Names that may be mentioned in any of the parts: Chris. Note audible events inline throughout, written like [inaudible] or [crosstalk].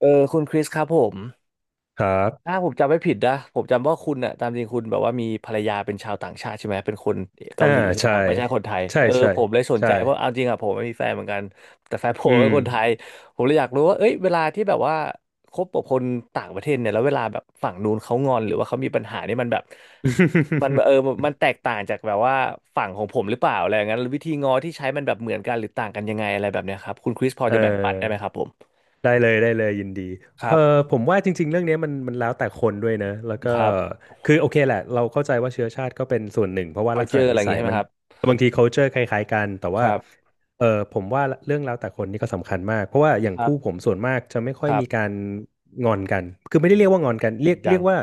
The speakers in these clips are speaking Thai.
เออคุณคริสครับผมครับถ้าผมจำไม่ผิดนะผมจำว่าคุณน่ะตามจริงคุณแบบว่ามีภรรยาเป็นชาวต่างชาติใช่ไหมเป็นคนเกาอ่าหลีใช่ไหมใช่ครับไม่ใช่คนไทยใช่เออใช่ผมเลยสนใช่ใจเพราะเอาจริงอ่ะผมไม่มีแฟนเหมือนกันแต่แฟนผอืมเป็ม นคนไทยผมเลยอยากรู้ว่าเอ้ยเวลาที่แบบว่าคบกับคนต่างประเทศเนี่ยแล้วเวลาแบบฝั่งนู้นเขางอนหรือว่าเขามีปัญหานี่มันแบบมัน[laughs] มันแตกต่างจากแบบว่าฝั่งของผมหรือเปล่าอะไรอย่างนั้นวิธีงอที่ใช้มันแบบเหมือนกันหรือต่างกันยังไงอะไรแบบเนี้ยครับคุณคริสพอเออ จะแบ่งปันได้ไหมครับผมได้เลยยินดีคเอรัอบผมว่าจริงๆเรื่องนี้มันแล้วแต่คนด้วยนะแล้วก็ครับ คือโอเคแหละเราเข้าใจว่าเชื้อชาติก็เป็นส่วนหนึ่งเพราะว่าลักษณะ culture อะนิไรอย่างสังี้ยใช่ไหมัมนครับบางที culture คล้ายๆกันแต่คว่ารับเออผมว่าเรื่องแล้วแต่คนนี่ก็สำคัญมากเพราะว่าอย่างครัคู่บผมส่วนมากจะไม่ค่อคยรัมีกาบรงอนกันคือไม่ได้โอ้เรียกว่างอนกันเรียดีกจัเรีง ยกว่า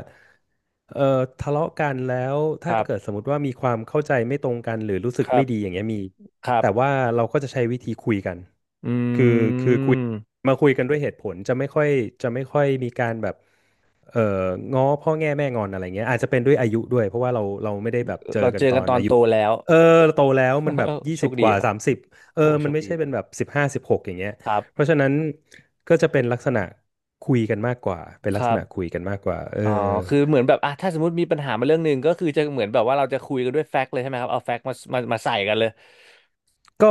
เออทะเลาะกันแล้วคถ้ารัเกิดสบมมติว่ามีความเข้าใจไม่ตรงกันหรือรู้สึกครัไม่บดีอย่างเงี้ยมีครัแต่ว่าบเราก็จะใช้วิธีคุยกันอืคือคือคุย มมาคุยกันด้วยเหตุผลจะไม่ค่อยมีการแบบเอ่อง้อพ่อแง่แม่งอนอะไรเงี้ยอาจจะเป็นด้วยอายุด้วยเพราะว่าเราไม่ได้แบบเจอเรากันเจอตอกันนตออานยุโตแล้ว เออโตแล้วมันแบบ [laughs] ยี่โชสิบคดีกว่าครับ30เออโหโชมันคไม่ดีใช่เป็นะนแบบ1516อย่างเงี้ยครัเพบ ราะฉะนั้นก็จะเป็นลักษณะคุยกันมากกว่าเป็นคลักษรัณะคุบยกันมากกว่าเอออ๋อคือเหมือนแบบอ่ะถ้าสมมติมีปัญหามาเรื่องหนึ่งก็คือจะเหมือนแบบว่าเราจะคุยกันด้วยแฟกต์เลยใช่ไหมครับ เอาแฟกต์มามาใส่กันเลย ก็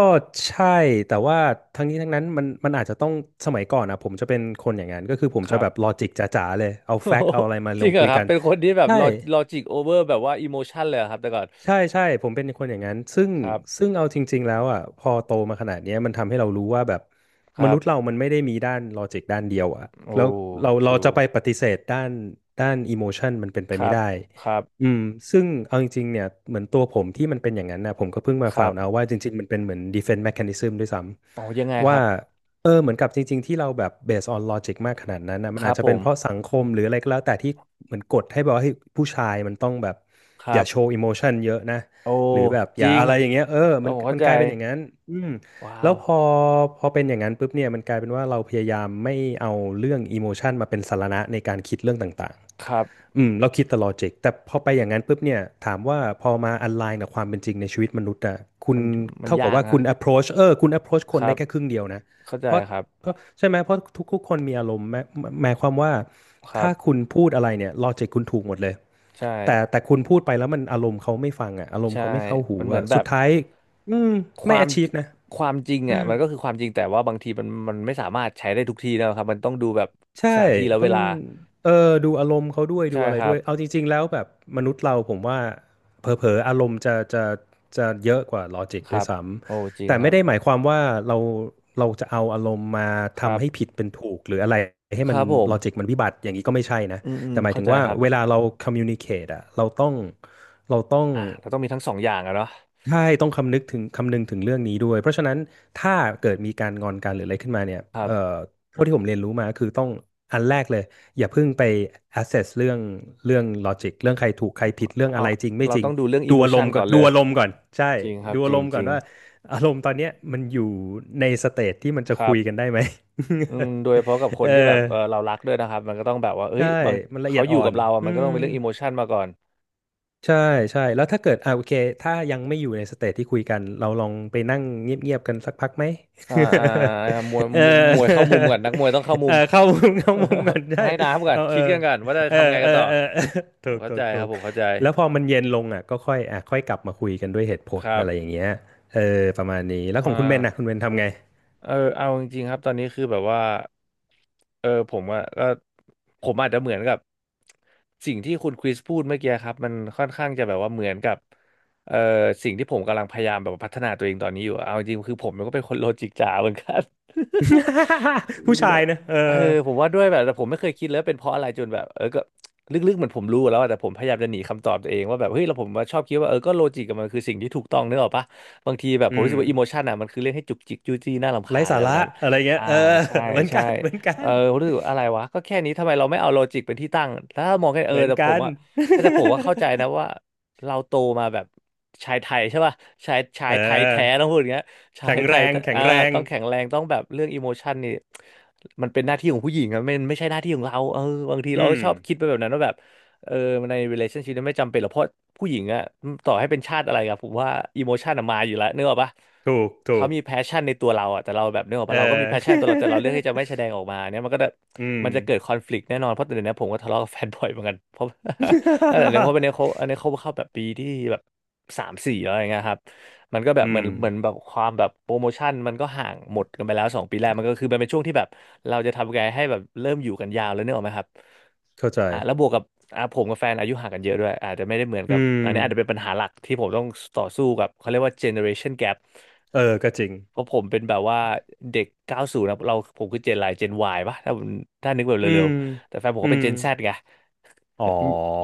ใช่แต่ว่าทั้งนี้ทั้งนั้นมันอาจจะต้องสมัยก่อนนะผมจะเป็นคนอย่างนั้นก็คือผมคจะรัแบบ บลอจิกจ๋าๆเลยเอา [laughs] โอ้แฟกโหต์เอาอะไรมาจลริงงเหรคุอยครักับนเป็นคนที่แบบใช่ ลอจิกโอเวอร์แบบว่าอิโมชันเลยเหรอครับแต่ก่อน ใช่ผมเป็นคนอย่างนั้นซึ่งครับเอาจริงๆแล้วอ่ะพอโตมาขนาดเนี้ยมันทำให้เรารู้ว่าแบบคมรันุษย์เราบมันไม่ได้มีด้านลอจิกด้านเดียวอ่ะโอ้ แล้วเราจะ true ไปปฏิเสธด้านอิโมชันมันเป็นไปคไม่รับได้ครับอืมซึ่งเอาจริงๆเนี่ยเหมือนตัวผมที่มันเป็นอย่างนั้นนะผมก็เพิ่งมาคฟารัวบน์เอาว่าจริงๆมันเป็นเหมือน defense mechanism ด้วยซ้อ๋อยังไงำคว่า รับ เออเหมือนกับจริงๆที่เราแบบ based on logic มากขนาดนั้นนะมัคนอารัจบจะผเป็นเพราะมสังคมหรืออะไรก็แล้วแต่ที่เหมือนกดให้แบบว่าเฮ้ยผู้ชายมันต้องแบบคอรัย่าบโชว์ emotion เยอะนะโอ้หรือแบบอจย่าริงอะไรอย่างเงี้ยเออมันผมเข้ามันใจกลายเป็นอย่างนั้นอืมว้าแล้ววพอเป็นอย่างนั้นปุ๊บเนี่ยมันกลายเป็นว่าเราพยายามไม่เอาเรื่อง emotion มาเป็นสาระในการคิดเรื่องต่างๆ ครับอืมเราคิดแต่ลอจิกแต่พอไปอย่างนั้นปุ๊บเนี่ยถามว่าพอมาอันไลน์กับความเป็นจริงในชีวิตมนุษย์อะคุณมันมันเท่ากับยากว่าคุนะณ approach คุณ approach คคนรัได้บแค่ครึ่งเดียวนะเข้าใจเพราะครับใช่ไหมเพราะทุกคนมีอารมณ์แม้หมายความว่าครัถ้าบคุณพูดอะไรเนี่ยลอจิกคุณถูกหมดเลยใช่แต่คุณพูดไปแล้วมันอารมณ์เขาไม่ฟังอะอารมณ์เขาใช่ไม่เข้าหูมันเหมืออะนแบสุบดท้ายอืมคไม่ วาม achieve นะ จริงอ่ะมันก็คือความจริงแต่ว่าบางทีมันไม่สามารถใช้ได้ทุกที่นะครับมันต้องดูแบบสใช่ถานที่แลวต้เวองลาเออดูอารมณ์เขาด้วยดูใช่อะไรครัด้วบยเอาจริงๆแล้วแบบมนุษย์เราผมว่าเผลอๆอารมณ์จะเยอะกว่าลอจิกคด้วรัยบซ้โอ้จำริงแต่คไม่รัได้หบมายความว่าเราเราจะเอาอารมณ์มาครัทำให้บผิดเป็นถูกหรืออะไรให้คมันรับผมลอจิกมันวิบัติอย่างนี้ก็ไม่ใช่นะอืมอืมแต่หมายเข้าถึงใจว่าครับเวลาเรา communicate อะเราต้อง อ่ะเราต้องมีทั้งสองอย่างอะเนาะใช่ต้องคำนึกถึงคำนึงถึงเรื่องนี้ด้วยเพราะฉะนั้นถ้าเกิดมีการงอนกันหรืออะไรขึ้นมาเนี่ยเท่าที่ผมเรียนรู้มาคือต้องอันแรกเลยอย่าเพิ่งไป assess เรื่องlogic เรื่องใครถูกใครผิดเรื่องอะเอาไรจริงไม่เราจริต้งองดูเรื่องอิดูโมอารชัมนณ์ก่อก่อนนเลดูยอารมณ์ก่อนใช่จริงครับดูจอาริรงมณ์จก่อนริง ว่าอารมณ์ตอนเนี้ยมันอยู่ในสเตจที่มันจะครัคุบยกันได้ไหม อืมโดยเฉพาะกับค [laughs] เอนอที่แบบเออเรารักด้วยนะครับมันก็ต้องแบบว่าเอ้ยใช่บางมันละเอีเขายดออ่ยู่อกันบเราอ่ะอืมันก็ต้องม เป็นเรื่องอิโมชันมาก่อนใช่ใช่แล้วถ้าเกิดอ่าโอเคถ้ายังไม่อยู่ในสเตจที่คุยกันเราลองไปนั่งเงียบๆกันสักพักไหม อ่าอ่ามวย [laughs] เออ มวยมวยเข้ามุมก่อนนักมวยต้องเข้า [laughs] มุเออม เข้ามุม [laughs] เข้ามุมก่อ [laughs] นได้ให้น้ำก่อนเอาเอคิดอกันก่อนว่าจะเออทำไงเอกัอนต่อเออ [laughs] เออผถูมกเข้าถูใจกถูครับกผมเข้าใจแล้วพอมันเย็นลงอ่ะก็ค่อยอ่ะค่อยกลับมาคุยกันด้วยเหตุผคลรับอะไรอย่างเงี้ยเออประมาณนี้แล้วขอ่องคุณเบนนะคุณา เบนทำไง เออเอาจริงๆครับตอนนี้คือแบบว่าเออผมอะก็ผมอาจจะเหมือนกับสิ่งที่คุณคริสพูดเมื่อกี้ครับมันค่อนข้างจะแบบว่าเหมือนกับเออสิ่งที่ผมกำลังพยายามแบบพัฒนาตัวเองตอนนี้อยู่อะเอาจริงๆคือผมมันก็เป็นคนโลจิกจ๋าเหมือนกัน [laughs] คือ [laughs] ผู้ชาแบยบนะเอเอออผมว่าด้วยแบบแต่ผมไม่เคยคิดเลยว่าเป็นเพราะอะไรจนแบบเออก็ลึกๆเหมือนผมรู้แล้วอะแต่ผมพยายามจะหนีคำตอบตัวเองว่าแบบเฮ้ยเราผมมาชอบคิดว่าเออก็โลจิกกับมันคือสิ่งที่ถูกต้องเนกอะปะบางทีแบบอืผมรู้สึกว่าอิโมมชันอ่ะมันคือเรื่องให้จุกจิกจู้จี้น่ารำไร้คาญอะสาไรแบระบนั้นอะไรเงี้ยอ่าเออ ใช่ [laughs] เหมือนกัใช่นเหมือนกัเออนผมรู้สึกว่าอะไรวะก็แค่นี้ทำไมเราไม่เอาโลจิกเป็นที่ตั้งถ้ามองแค่เอเหอมือนแต่กัผมน อะใช่แต่ผมว่าเข้าใจนะว่าเราโตมาแบบชายไทยใช่ป่ะชาเอยไทยแท้อต้องพูดอย่างเงี้ย ใชาแข็ยงไทแรยงแข็งอ่าแรงต้องแข็งแรงต้องแบบเรื่องอิโมชันนี่มันเป็นหน้าที่ของผู้หญิงอะมันไม่ใช่หน้าที่ของเราเออบางทีอืเราก็มชอบคิดไปแบบนั้นว่าแบบเออใน relationship นั้นไม่จำเป็นหรอกเพราะผู้หญิงอะต่อให้เป็นชาติอะไรกับผมว่าอิโมชันอะมาอยู่แล้วนึกออกปะถูกถูเขากมี passion ในตัวเราอะแต่เราแบบนึกออกเอปะเราก็มี passion ตัวเราแต่เราเลือกที่จะไม่แสดอ ง [laughs] ออกมาเนี่ยอืม มันจะเกิด conflict แน่นอนเพราะแต่เดี๋ยวนี้ผมก็ทะเลาะกับ [laughs] แฟนบ่อยเหมือนกันเพราะ [laughs] แต่เนี่ยเพราะเป็นเนี่ยเขา [laughs] อันนี้เขาเข้าแบบปีที่แบบสามสี่แล้วอะไรเงี้ยครับ มันก็แบอืบเหมือมนเหมือนแบบความแบบโปรโมชั่นมันก็ห่างหมดกันไปแล้วสองปีแรกมันก็คือมันเป็นช่วงที่แบบเราจะทำไงให้แบบเริ่มอยู่กันยาวแล้วเนี่ยหรอกไหมครับเข้าใจอ่าแล้วบวกกับอ่าผมกับแฟนอายุห่างกันเยอะด้วยอาจจะไม่ได้เหมือนอืกับมอันนี้อาจจะเป็นปัญหาหลักที่ผมต้องต่อสู้กับเขาเรียกว่า generation gap เออก็จริงเพราะผมเป็นแบบว่าเด็ก90นะเราผมคือเจนอะไรเจน Y ป่ะถ้าผมถ้านึกแบบอืเร็มวๆแต่แฟนผมอืก็เป็นมเจน Z ไง อ๋อ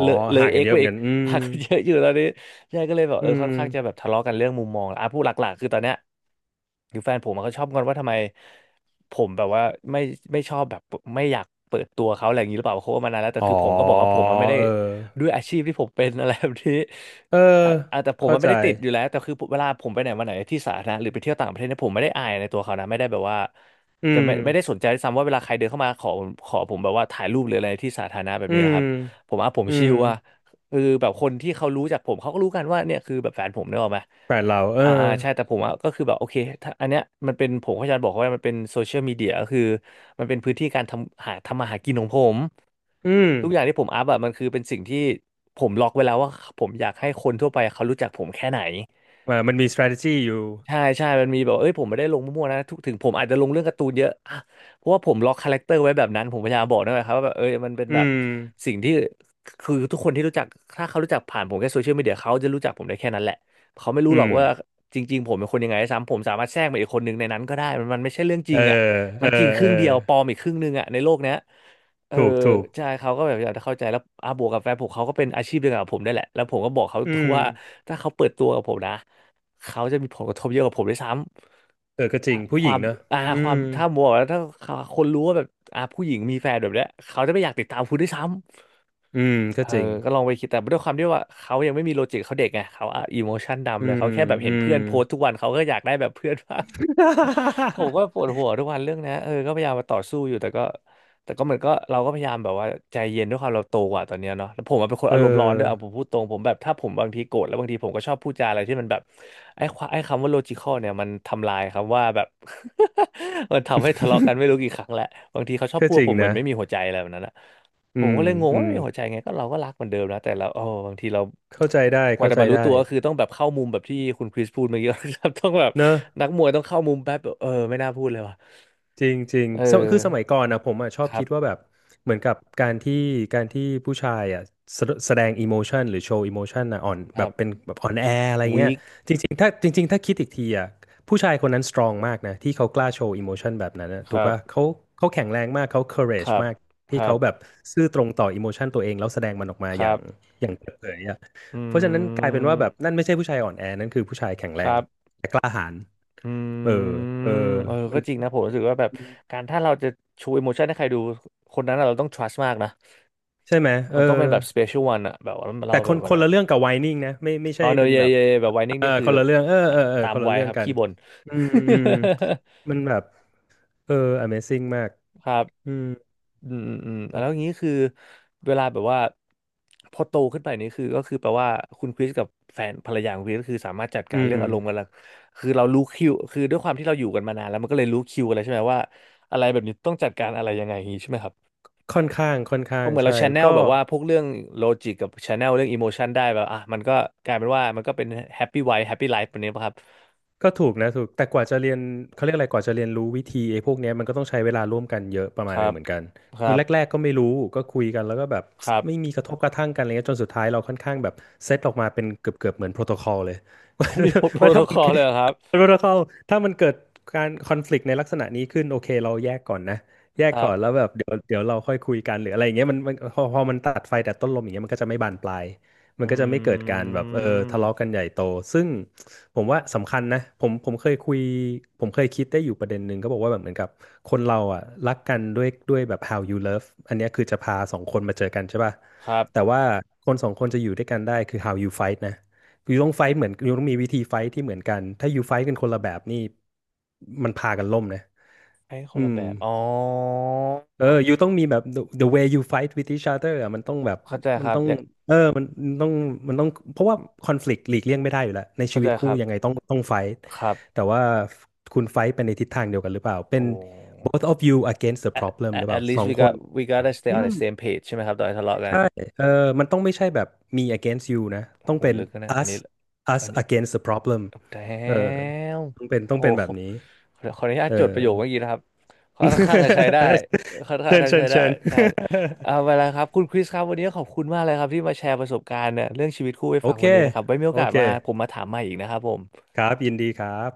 เลยเลยห่างกัเอ็นกเยอะไปเหมือนอีก กันอืม [laughs] หากนเยอะอยู่ตอนนี้ใช่ก็เลยแบบอืเออค่อมนข้างจะแบบทะเลาะกันเรื่องมุมมองอ่ะพูดหลักๆคือตอนเนี้ยคือแฟนผมมันก็ชอบงอนว่าทำไมผมแบบว่าไม่ไม่ชอบแบบไม่อยากเปิดตัวเขาอะไรอย่างนี้หรือเปล่าเขาก็มานานแล้วแต่อ๋อคือผมก็บอกว่าผมมันไม่ได้เออด้วยอาชีพที่ผมเป็นอะไรแบบนี้เอออ่ะอ่ะแต่ผมเข้ามันใจไม่ได้ติดอยู่แล้วแต่คือเวลาผมไปไหนมาไหนที่สาธารณะหรือไปเที่ยวต่างประเทศเนี่ยผมไม่ได้อายในตัวเขานะไม่ได้แบบว่า อืจะไม่มได้สนใจด้วยซ้ำว่าเวลาใครเดินเข้ามาขอผมแบบว่าถ่ายรูปหรืออะไรที่สาธารณะแบบอืนี้มนะครับผมอ่ะผมอืชิมลอ่ะคือแบบคนที่เขารู้จักผมเขาก็รู้กันว่าเนี่ยคือแบบแฟนผมเนี่ยหรอกไหมแบรนด์เราเอออ่าใช่แต่ผมอ่ะก็คือแบบโอเคถ้าอันเนี้ยมันเป็นผมก็จะบอกว่ามันเป็นโซเชียลมีเดียก็คือมันเป็นพื้นที่การทำหาทำมาหากินของผมอืมทุกอย่างที่ผมอัพอ่ะมันคือเป็นสิ่งที่ผมล็อกไว้แล้วว่าผมอยากให้คนทั่วไปเขารู้จักผมแค่ไหน อ่ามันมี strategy อยู่ใช่ใช่ มันมีแบบว่าเอ้ยผมไม่ได้ลงมั่วๆนะทุกถึงผมอาจจะลงเรื่องการ์ตูนเยอะอ่ะเพราะว่าผมล็อกคาแรคเตอร์ไว้แบบนั้นผมพยายามบอกนนแหละครับว่าแบบเอ้ยมันเป็นอืแบบมสิ่งที่คือทุกคนที่รู้จักถ้าเขารู้จักผ่านผมแค่โซเชียลมีเดียเขาจะรู้จักผมได้แค่นั้นแหละเขาไม่รู้อืหรอกม ว่าจริงๆผมเป็นคนยังไงด้วยซ้ำผมสามารถแทรกมาอีกคนหนึ่งในนั้นก็ได้มันไม่ใช่เรื่องจเอริองอ่ะเอมัอนจริงคเอรึ่องเดียวปลอมอีกครึ่งหนึ่งอ่ะในโลกเนี้ยเออถูกถูกใช่เขาก็แบบอยากจะเข้าใจแล้วบวกกับแฟนผมเขาก็เป็นอาชีพเดียวกับผมได้แหละแล้วผมก็บอกเขาอืตรงมว่าถ้าเขาเปิดตัวกับผมนะ เขาจะมีผลกระทบเยอะกว่าผมด้วยซ้ำ เออก็จริงผู้คหญิวางมเนอะอ่าอืความมถ้ามัวแล้วถ้าคนรู้ว่าแบบผู้หญิงมีแฟนแบบเนี้ยเขาจะไม่อยากติดตามคุณด้วยซ้ำ อืมก็เออ จริงก็ลองไปคิดแต่ด้วยความที่ว่าเขายังไม่มีโลจิกเขาเด็กไงเขาอ่ะอิโมชันอืดำเลยมเขาแค่แบบอืเห็นมเพื่อนโพสต์ทุกวันเขาก็อยากได้แบบเพื่อนบ้าง ผมก็ปวดหัวทุกวันเรื่องนะเออก็พยายามมาต่อสู้อยู่แต่ก็เหมือนก็เราก็พยายามแบบว่าใจเย็นด้วยความเราโตกว่าตอนเนี้ยเนาะแล้วผมอะเป็นคนเออารมณ์ร้อนด้วยเอาผอมพูดตรงผมแบบถ้าผมบางทีโกรธแล้วบางทีผมก็ชอบพูดจาอะไรที่มันแบบไอ้คำว่า logical เนี่ยมันทำลายคำว่าแบบ [laughs] มันทำให้ทะเลาะกันไม่รู้กี่ครั้งแหละบางทีเขาชอบก็พูดจริว่างผมเหมือนะนไม่มีหัวใจอะไรแบบนั้นอะอืผมมก็เลยงงอืว่ามไม่มีหัวใจไงก็เราก็รักเหมือนเดิมนะแต่เราโอ้บางทีเราเข้าใจได้กว่าเข้าจะใจมารู้ได้ตัวก็คือต้องแบบเข้ามุมแบบที่คุณคริสพูดเมื่อกี้ [laughs] ครับต้องแบบ เนอะ นักมวยต้องเข้ามุมแป๊บแบบเออไม่น่าพูดเลยว่ะจริงจริงเออสมคือสมัยก่อนนะผมอ่ะชอบครัคิบดว่าแบบเหมือนกับการที่การที่ผู้ชายอ่ะแสแสดงอิโมชันหรือโชว์อิโมชันนะอ่อนคแบรับเป็นบแบบอ่อนแออะไรเงี้วียคจริงๆถ้าจริงๆถ้าคิดอีกทีอ่ะผู้ชายคนนั้นสตรองมากนะที่เขากล้าโชว์อิโมชันแบบนั้นนะคถูกรับป่ะเขาเขาแข็งแรงมากเขา ค courage รับมากคที่รัเขาแบบบซื่อตรงต่ออิโมชันตัวเองแล้วแสดงมันออกมาคอย่ารังบอย่างเปิดเผยอ่ะ อเพราะฉะนั้นืกลายเป็นว่าแบบมนั่นไม่ใช่ผู้ชายอ่อนแอนั่นคือผู้ชายแข็งแรคงรับแต่กล้าหาญอืเออมเออเออมัก็นจริงนะผมรู้มันสึกว่าแบบมันการถ้าเราจะชู emotion ให้ใครดูคนนั้นอะเราต้อง trust มากนะใช่ไหมเออมันต้องเป็นแบบ special one อะแบบว่าแต่เราคแบนบวัคนนนั้ละนเรื่องกับไวนิ่งนะไม่ไม่อ๋ใช่อเนอะเป็นเย่แบบเย่แบบไวนิ่งเออนี่คือคนละเรื่องเอออ่ะเออเออตาคมนละวัยเรื่อคงรับกันขี้บ่น อืมอืมมันแบบเออ Amazing มาก [laughs] ครับ อืมอืมอืมอืมแล้วอย่างนี้คือเวลาแบบว่าพอโตขึ้นไปนี่คือก็คือแปลว่าคุณคริสกับแฟนภรรยาของคริสก็คือสามารถจัดอืการเรื่อมงอารมณ์กันละคือเรารู้คิวคือด้วยความที่เราอยู่กันมานานแล้วมันก็เลยรู้คิวอะไรใช่ไหมว่าอะไรแบบนี้ต้องจัดการอะไรยังไงอย่างนี้ใช่ไหมครับค่อนข้างค่อนเพข้างราะเหมือนใช่เราแชนแนลก็ แบบว่าพวกเรื่องโลจิกกับแชนแนลเรื่องอิโมชันได้แบบอ่ะมันก็กลายเป็นว่ามันก็เป็นแฮปปี้ไวท์แฮปปี้ไลฟ์แบบนี้ป่ะครับก็ถูกนะถูกแต่กว่าจะเรียนเขาเรียกอะไรกว่าจะเรียนรู้วิธีไอ้พวกเนี้ยมันก็ต้องใช้เวลาร่วมกันเยอะประคมาณหรันึงบเหมือนกันคคืรัอบแรกๆก็ไม่รู้ก็คุยกันแล้วก็แบบ ครับ [tsk] ไม่มีกระทบกระทั่งกันอะไรเงี้ยจนสุดท้ายเราค่อนข้างแบบเซตออกมาเป็นเกือบๆเหมือนโปรโตคอลเลย [laughs] ว่า [laughs] มีโปรว่าโตถ้าคมัน อลเลยเหรอครับ [laughs] โปรโตคอลถ้ามันเกิดการคอนฟ lict ในลักษณะนี้ขึ้นโอเคเราแยกก่อนนะแยกครัก่อนแล้วบแบบเดี๋ยวเราค่อยคุยกันหรืออะไรอย่างเงี้ยมันพอมันตัดไฟแต่ต้นลมอย่างเงี้ยมันก็จะไม่บานปลายมัอนก็จะไม่เกิดกาืรแบบเออทะเลาะกัมนใหญ่โตซึ่ง ผมว่าสำคัญนะผมเคยคุยผมเคยคิดได้อยู่ประเด็นหนึ่งก็บอกว่าแบบเหมือนกับคนเราอ่ะรักกันด้วยแบบ how you love อันเนี้ยคือจะพาสองคนมาเจอกันใช่ป่ะครับ แต่ว่าคนสองคนจะอยู่ด้วยกันได้คือ how you fight นะอยู่ต้อง fight เหมือนอยู่ต้องมีวิธี Fight ที่เหมือนกันถ้า You Fight กันคนละแบบนี่มันพากันล่มนะให้คนอืละม แบบ อ๋อเออ you ต้องมีแบบ the way you fight with each other อะมันต้องแบบเข้าใจคมันรับต้องอยากเออมันต้องเพราะว่าคอน FLICT หลีกเลี่ยงไม่ได้อยู่แล้วในชีเข้าวิใจตคคู่รับ ยังไงต้องไฟท์ครับแต่ว่าคุณไฟท์เป็นในทิศทางเดียวกันหรือเปล่า เป็โอ้ น both of you against the at, problem หรื at อเปล่า at สอ least ง we คน gotta stay อื on the ม same page ใช่ไหมครับตอนที่ทะเลาะกันใช่เออมันต้องไม่ใช่แบบ me against you นะต้อโหงเป็น ลึกนะเนี่ยอัน us นี้ us อันเนี้ย against the problem แต้เออมต้องเป็นต้โหองเป็นแบบนี้ขขออนุญาตเออ จดประโยคเมื่อกี้นะครับค่อนข้างจะใช้ได้ค่อน [laughs] ข้างเชิญจะเชิใช้ญได้เชิญ ใช่เอาไปแล้วครับ คุณคริสครับ วันนี้ขอบคุณมากเลยครับที่มาแชร์ประสบการณ์เนี่ยเรื่องชีวิตคู่ให้โอฟังเค วันนี้นะครับไว้มีโอโอกาสเค มาผมมาถามใหม่อีกนะครับผมครับ ยินดีครับ